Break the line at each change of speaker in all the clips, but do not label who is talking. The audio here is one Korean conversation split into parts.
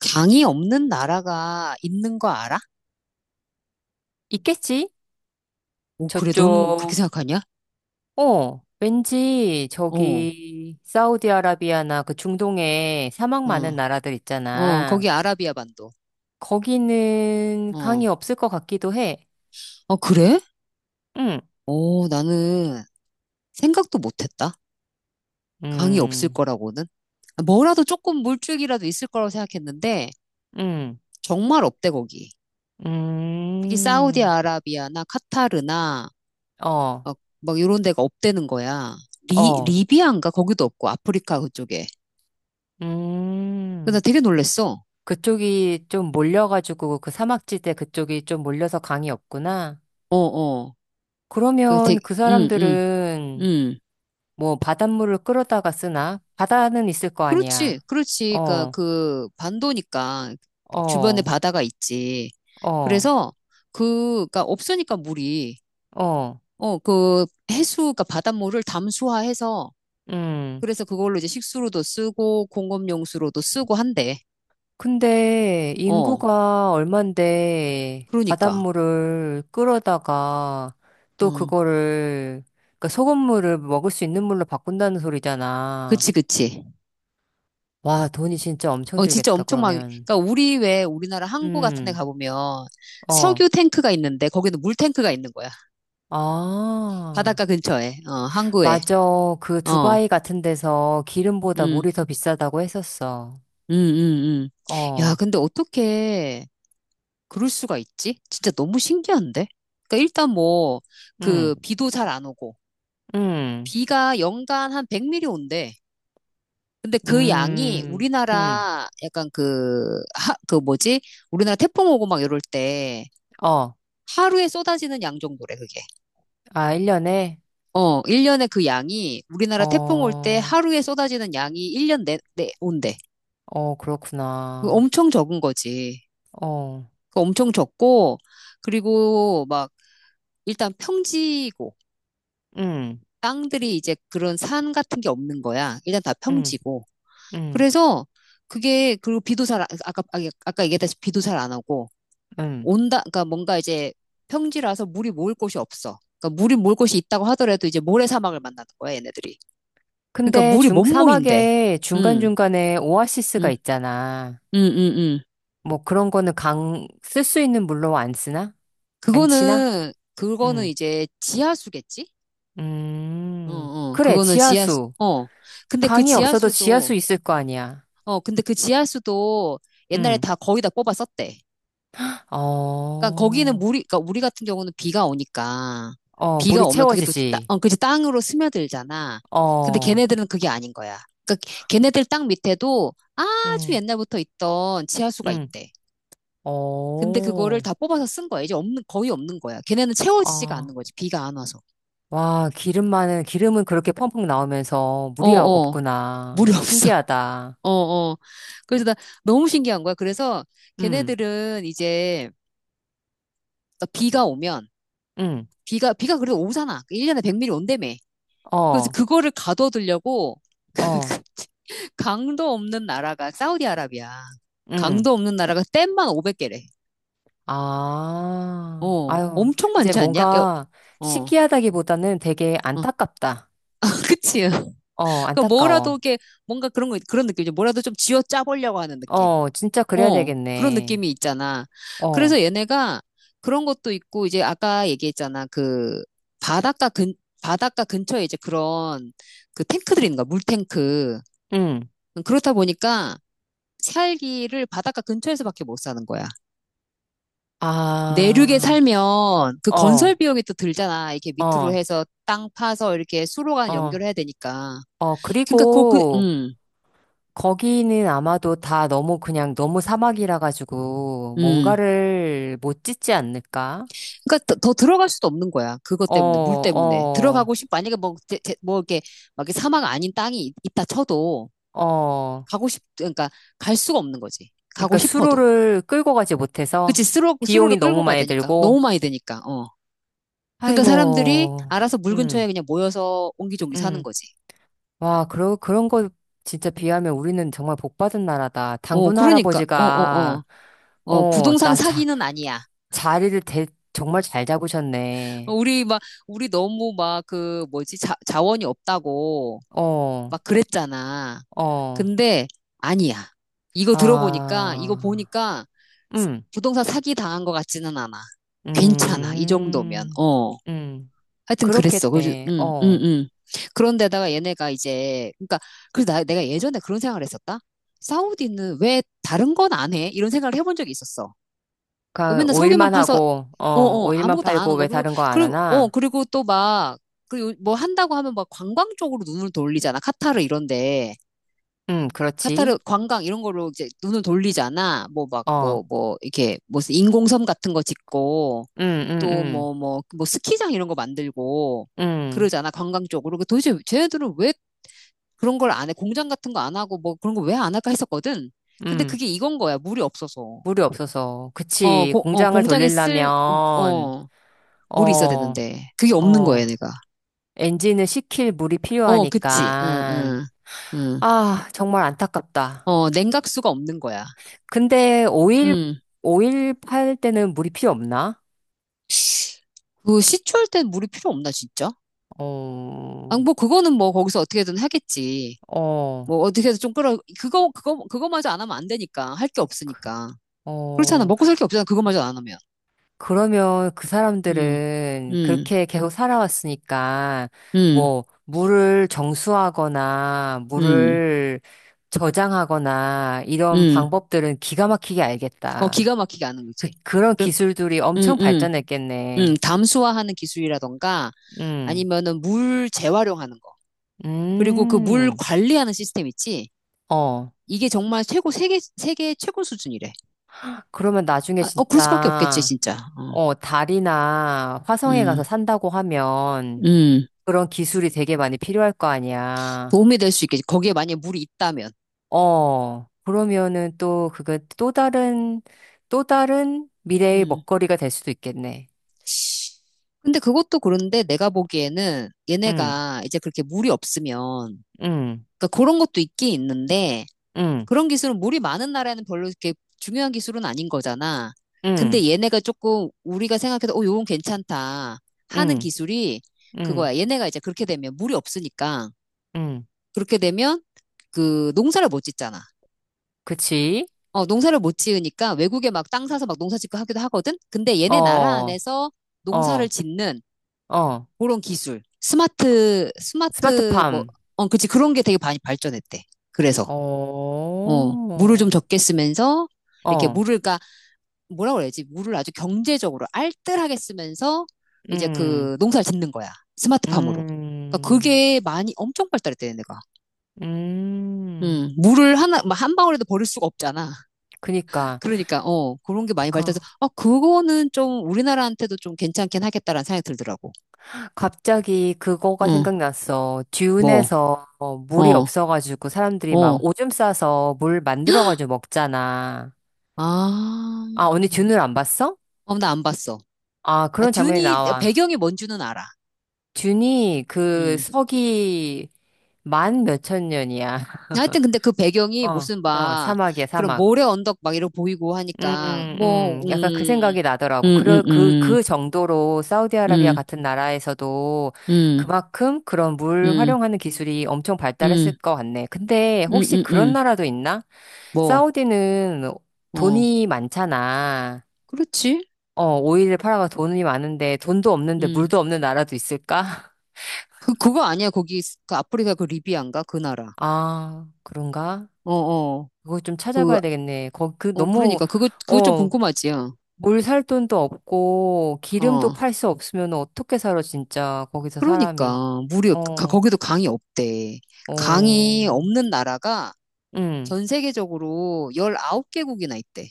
강이 없는 나라가 있는 거 알아?
있겠지?
오, 그래, 넌 그렇게
저쪽,
생각하냐?
어, 왠지
어, 어,
저기, 사우디아라비아나 그 중동에 사막 많은 나라들
어,
있잖아.
거기 아라비아 반도.
거기는 강이
어,
없을 것 같기도 해.
어, 그래?
응,
어, 나는 생각도 못 했다. 강이 없을
음,
거라고는. 아, 뭐라도 조금 물줄기라도 있을 거라고 생각했는데,
음,
정말 없대, 거기. 특히
음,
사우디아라비아나 카타르나,
어,
막 이런 데가 없대는 거야.
어,
리비아인가? 거기도 없고, 아프리카 그쪽에. 그래서 나
음.
되게 놀랬어.
그쪽이 좀 몰려가지고 그 사막지대 그쪽이 좀 몰려서 강이 없구나.
어, 어. 그
그러면
되게,
그 사람들은
응.
뭐 바닷물을 끌어다가 쓰나? 바다는 있을 거
그렇지,
아니야.
그렇지. 그러니까
어,
그 반도니까 주변에
어,
바다가 있지.
어,
그래서 그, 그러니까 없으니까 물이
어,
어, 그 해수, 그러니까 바닷물을 담수화해서
음.
그래서 그걸로 이제 식수로도 쓰고 공업용수로도 쓰고 한대.
근데
어,
인구가 얼만데
그러니까.
바닷물을 끌어다가 또
음,
그거를 그러니까 소금물을 먹을 수 있는 물로 바꾼다는 소리잖아.
그치, 그치.
와, 돈이 진짜 엄청
어, 진짜
들겠다,
엄청 막,
그러면.
그러니까 우리 왜 우리나라 항구 같은 데
음,
가보면
어.
석유 탱크가 있는데 거기는 물 탱크가 있는 거야.
아,
바닷가 근처에, 어, 항구에.
맞아. 그
어,
두바이 같은 데서 기름보다
음.
물이 더 비싸다고 했었어.
음, 음, 음. 야,
어,
근데 어떻게 그럴 수가 있지? 진짜 너무 신기한데? 그러니까 일단 뭐,
음,
그, 비도 잘 안 오고,
음,
비가 연간 한 100mm 온대. 근데 그 양이
음, 음,
우리나라 약간 그, 하, 그 뭐지? 우리나라 태풍 오고 막 이럴 때
어,
하루에 쏟아지는 양 정도래, 그게.
아, 1년에?
어, 1년에 그 양이 우리나라 태풍 올 때
어,
하루에 쏟아지는 양이 1년 내 온대.
어,
그거
그렇구나.
엄청 적은 거지.
어,
그거 엄청 적고, 그리고 막 일단 평지고
음,
땅들이 이제 그런 산 같은 게 없는 거야. 일단 다
음,
평지고.
음,
그래서 그게 그리고 비도 잘 안- 아까 아, 아까 얘기했다시피 비도 잘 안 오고
음.
온다 그러니까 뭔가 이제 평지라서 물이 모을 곳이 없어. 그러니까 물이 모을 곳이 있다고 하더라도 이제 모래사막을 만나는 거야, 얘네들이. 그러니까
근데
물이 못
중,
모인대.
사막에
음.
중간중간에 오아시스가
음.
있잖아.
음, 음, 음.
뭐 그런 거는 강, 쓸 수 있는 물로 안 쓰나? 안 치나?
그거는
음,
이제 지하수겠지? 어, 어.
그래,
그거는 지하수.
지하수.
어. 근데 그
강이 없어도 지하수
지하수도
있을 거 아니야.
어, 근데 그 지하수도 옛날에
음,
다 거의 다 뽑아 썼대.
어,
그러니까 거기는 물이, 그러니까 우리 같은 경우는 비가 오니까
어,
비가
물이
오면 그게 또, 따,
채워지지.
어, 그치, 땅으로 스며들잖아. 근데
어,
걔네들은 그게 아닌 거야. 그러니까 걔네들 땅 밑에도 아주
음,
옛날부터 있던 지하수가
음,
있대. 근데 그거를
어,
다 뽑아서 쓴 거야. 이제 없는, 거의 없는 거야. 걔네는 채워지지가
아,
않는 거지. 비가 안 와서.
와, 기름만은, 기름은 그렇게 펑펑 나오면서
어,
물이
어.
없구나.
물이 없어.
신기하다.
어, 어. 그래서 나 너무 신기한 거야. 그래서
음,
걔네들은 이제 그러니까 비가 오면
음,
비가 그래도 오잖아. 1년에 100mm 온다며. 그래서
어,
그거를 가둬두려고
어,
강도 없는 나라가 사우디아라비아.
음,
강도 없는 나라가 댐만 500개래.
아,
어,
아유,
엄청
이제
많지 않냐? 여,
뭔가
어,
신기하다기보다는 되게
어.
안타깝다.
그치.
어,
그러니까 뭐라도
안타까워.
이게 뭔가 그런 거, 그런 느낌이죠. 뭐라도 좀 쥐어 짜보려고 하는 느낌.
어, 진짜 그래야
어, 그런
되겠네.
느낌이 있잖아.
어,
그래서 얘네가 그런 것도 있고, 이제 아까 얘기했잖아. 그 바닷가 근, 바닷가 근처에 이제 그런 그 탱크들이 있는 거야. 물탱크.
음,
그렇다 보니까 살기를 바닷가 근처에서밖에 못 사는 거야. 내륙에
아,
살면 그 건설
어,
비용이 또 들잖아. 이렇게 밑으로
어,
해서 땅 파서 이렇게 수로가
어,
연결해야 되니까.
어,
그러니까 그, 그,
그리고, 거기는 아마도 다 너무 그냥 너무 사막이라 가지고
음.
뭔가를 못 짓지 않을까?
그러니까 더 들어갈 수도 없는 거야. 그것
어,
때문에, 물 때문에.
어,
들어가고 싶, 만약에 뭐, 제- 제- 뭐 이렇게 막 이렇게 사막 아닌 땅이 있- 있다 쳐도
어.
가고 싶, 그러니까 갈 수가 없는 거지. 가고
그러니까
싶어도.
수로를 끌고 가지 못해서
그치, 수로, 수로를
비용이
끌고
너무
가야
많이
되니까.
들고,
너무 많이 되니까. 그러니까 사람들이
아이고,
알아서 물
음,
근처에 그냥 모여서 옹기종기 사는
음.
거지.
와, 그러, 그런 거 진짜 비하면 우리는 정말 복 받은 나라다.
어,
단군
그러니까,
할아버지가,
어. 어,
어,
부동산
나 자,
사기는 아니야.
자리를 대, 정말 잘
어,
잡으셨네.
우리 막, 우리 너무 막 그, 뭐지, 자, 자원이 없다고
어,
막 그랬잖아.
어,
근데 아니야. 이거 들어보니까, 이거
아,
보니까
음.
부동산 사기 당한 것 같지는 않아. 괜찮아. 이 정도면.
음,
어.
음,
하여튼 그랬어. 그래서,
그렇겠네. 어.
응. 그런데다가 얘네가 이제, 그러니까, 그래서 나, 내가 예전에 그런 생각을 했었다. 사우디는 왜 다른 건 안 해? 이런 생각을 해본 적이 있었어. 그러니까
그
맨날 석유만
오일만
파서,
하고,
어,
어,
어,
오일만
아무것도 안
팔고
하는 거.
왜 다른 거 안
그리고, 어,
하나?
그리고 또 막, 그 뭐 한다고 하면 막 관광 쪽으로 눈을 돌리잖아. 카타르 이런데.
그렇지.
카타르 관광 이런 거로 이제 눈을 돌리잖아. 뭐 막,
어,
이렇게 무슨 인공섬 같은 거 짓고.
음, 음,
또
음,
뭐 스키장 이런 거 만들고
음,
그러잖아. 관광 쪽으로. 그 도대체 쟤네들은 왜 그런 걸 안 해? 공장 같은 거 안 하고 뭐 그런 거 왜 안 할까 했었거든. 근데
음.
그게 이건 거야. 물이 없어서.
물이 없어서.
어,
그치.
고- 어,
공장을
공장에 쓸,
돌리려면,
어, 물이 있어야
어,
되는데. 그게 없는
어,
거야, 내가.
엔진을 식힐 물이
어, 그치.
필요하니까.
응, 응.
아, 정말 안타깝다.
어, 냉각수가 없는 거야.
근데 오일,
응.
오일 팔 때는 물이 필요 없나?
그 시추할 땐 물이 필요 없나, 진짜? 아,
어,
뭐, 그거는 뭐, 거기서 어떻게든 하겠지.
어.
뭐 어떻게 해서 좀 끌어 그거마저 안 하면 안 되니까 할 게 없으니까 그렇잖아
어,
먹고 살 게 없잖아 그거마저 안 하면
그러면 그 사람들은 그렇게 계속 살아왔으니까,
음음음음음어
뭐, 물을 정수하거나, 물을 저장하거나, 이런 방법들은 기가 막히게
기가
알겠다.
막히게 하는
그,
거지
그런 기술들이 엄청
그음음음
발전했겠네.
담수화하는 기술이라던가
음,
아니면은 물 재활용하는 거 그리고 그 물
음,
관리하는 시스템 있지
어.
이게 정말 최고 세계 최고 수준이래
그러면 나중에
아, 어 그럴 수밖에 없겠지
진짜,
진짜 어,
어, 달이나 화성에 가서
음
산다고 하면,
음.
그런 기술이 되게 많이 필요할 거 아니야.
도움이 될 수 있겠지 거기에 만약에 물이 있다면
어, 그러면은 또 그거 또 다른, 또 다른 미래의 먹거리가 될 수도 있겠네.
근데 그것도 그런데 내가 보기에는
응,
얘네가 이제 그렇게 물이 없으면,
응,
그러니까 그런 것도 있긴 있는데,
응,
그런 기술은 물이 많은 나라에는 별로 이렇게 중요한 기술은 아닌 거잖아.
응,
근데 얘네가 조금 우리가 생각해서, 어, 요건 괜찮다 하는
응,
기술이
응,
그거야. 얘네가 이제 그렇게 되면 물이 없으니까,
응.
그렇게 되면 그 농사를 못 짓잖아.
그치?
어, 농사를 못 지으니까 외국에 막 땅 사서 막 농사 짓고 하기도 하거든? 근데 얘네 나라
어,
안에서
어,
농사를
어.
짓는 그런 기술. 스마트, 뭐,
스마트팜.
어, 그치. 그런 게 되게 많이 발전했대. 그래서,
어,
어, 물을 좀
어,
적게 쓰면서, 이렇게 물을, 까 뭐라 그래야지? 물을 아주 경제적으로 알뜰하게 쓰면서, 이제
음,
그 농사를 짓는 거야. 스마트팜으로. 그러니까
음,
그게 많이 엄청 발달했대, 내가.
음.
물을 하나, 뭐한 방울에도 버릴 수가 없잖아.
그니까,
그러니까, 어, 그런 게 많이
그,
발달해서, 아, 그거는 좀 우리나라한테도 좀 괜찮긴 하겠다라는 생각이 들더라고.
갑자기 그거가
응,
생각났어.
뭐,
듀운에서 어, 물이
어,
없어가지고 사람들이 막
어.
오줌 싸서 물 만들어가지고 먹잖아.
아,
아, 언니 듄을 안 봤어?
어, 나 안 봤어.
아,
아,
그런 장면이
듄이,
나와.
배경이 뭔 줄은 알아.
듄이 그
음.
서기 만 몇천 년이야.
하여튼 근데 그 배경이
어,
무슨
어,
막,
사막이야,
그런
사막.
모래 언덕 막 이러고 보이고 하니까, 뭐,
약간 그 생각이 나더라고.
음, 음,
그, 그,
음,
그 정도로 사우디아라비아
음,
같은 나라에서도
음,
그만큼 그런 물
음,
활용하는 기술이 엄청 발달했을
음,
것 같네. 근데 혹시 그런
음.
나라도 있나?
뭐,
사우디는
어,
돈이 많잖아.
그렇지.
어, 오일을 팔아가 돈이 많은데 돈도 없는데
음.
물도 없는 나라도 있을까?
그, 그거 아니야. 거기, 그 아프리카 그 리비안가? 그 나라.
아, 그런가?
어, 어.
그거 좀
그,
찾아봐야 되겠네. 그
어,
너무,
그러니까. 그거 좀
어,
궁금하지요.
뭘 살 돈도 없고,
어.
기름도
어.
팔 수 없으면 어떻게 살아, 진짜. 거기서 사람이.
그러니까 무료 가-
어,
거기도 강이 없대. 강이
어,
없는 나라가
응,
전 세계적으로 19개국이나 있대.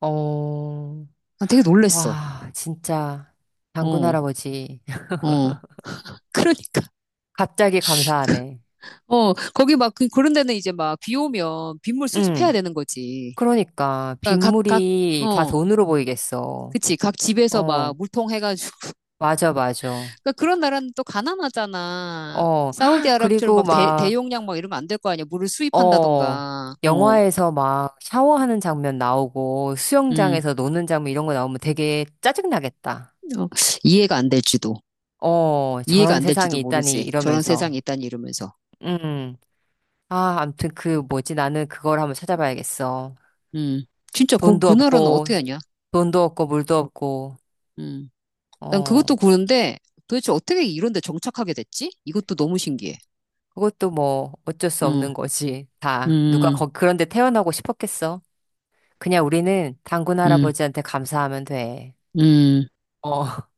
어,
아, 되게 놀랬어.
와, 진짜. 장군
어.
할아버지.
어. 그러니까
갑자기 감사하네.
어, 거기 막 그, 런 데는 이제 막 비 오면 빗물 수집해야
응,
되는 거지.
그러니까.
그러니까 각
빗물이 다
어.
돈으로 보이겠어.
그치. 각 집에서 막
어,
물통 해가지고.
맞아, 맞아.
그러니까 그런 나라는 또 가난하잖아.
어,
사우디아라비아처럼
그리고
막
막,
대용량 막 이러면 안 될 거 아니야. 물을
어,
수입한다던가. 어.
영화에서 막 샤워하는 장면 나오고
음.
수영장에서 노는 장면 이런 거 나오면 되게 짜증나겠다.
어, 이해가 안 될지도.
어,
이해가
저런
안 될지도
세상이 있다니
모르지. 저런
이러면서.
세상이 있다니 이러면서.
음. 아, 암튼 그 뭐지? 나는 그걸 한번 찾아봐야겠어.
음. 진짜 그,
돈도
그 나라는
없고,
어떻게 하냐?
돈도 없고, 물도 없고,
음. 난 그것도
어,
그런데 도대체 어떻게 이런 데 정착하게 됐지? 이것도 너무 신기해.
그것도 뭐 어쩔 수
음.
없는 거지. 다. 누가
음.
거, 그런데 태어나고 싶었겠어? 그냥 우리는 단군
음.
할아버지한테 감사하면 돼.
음.
어.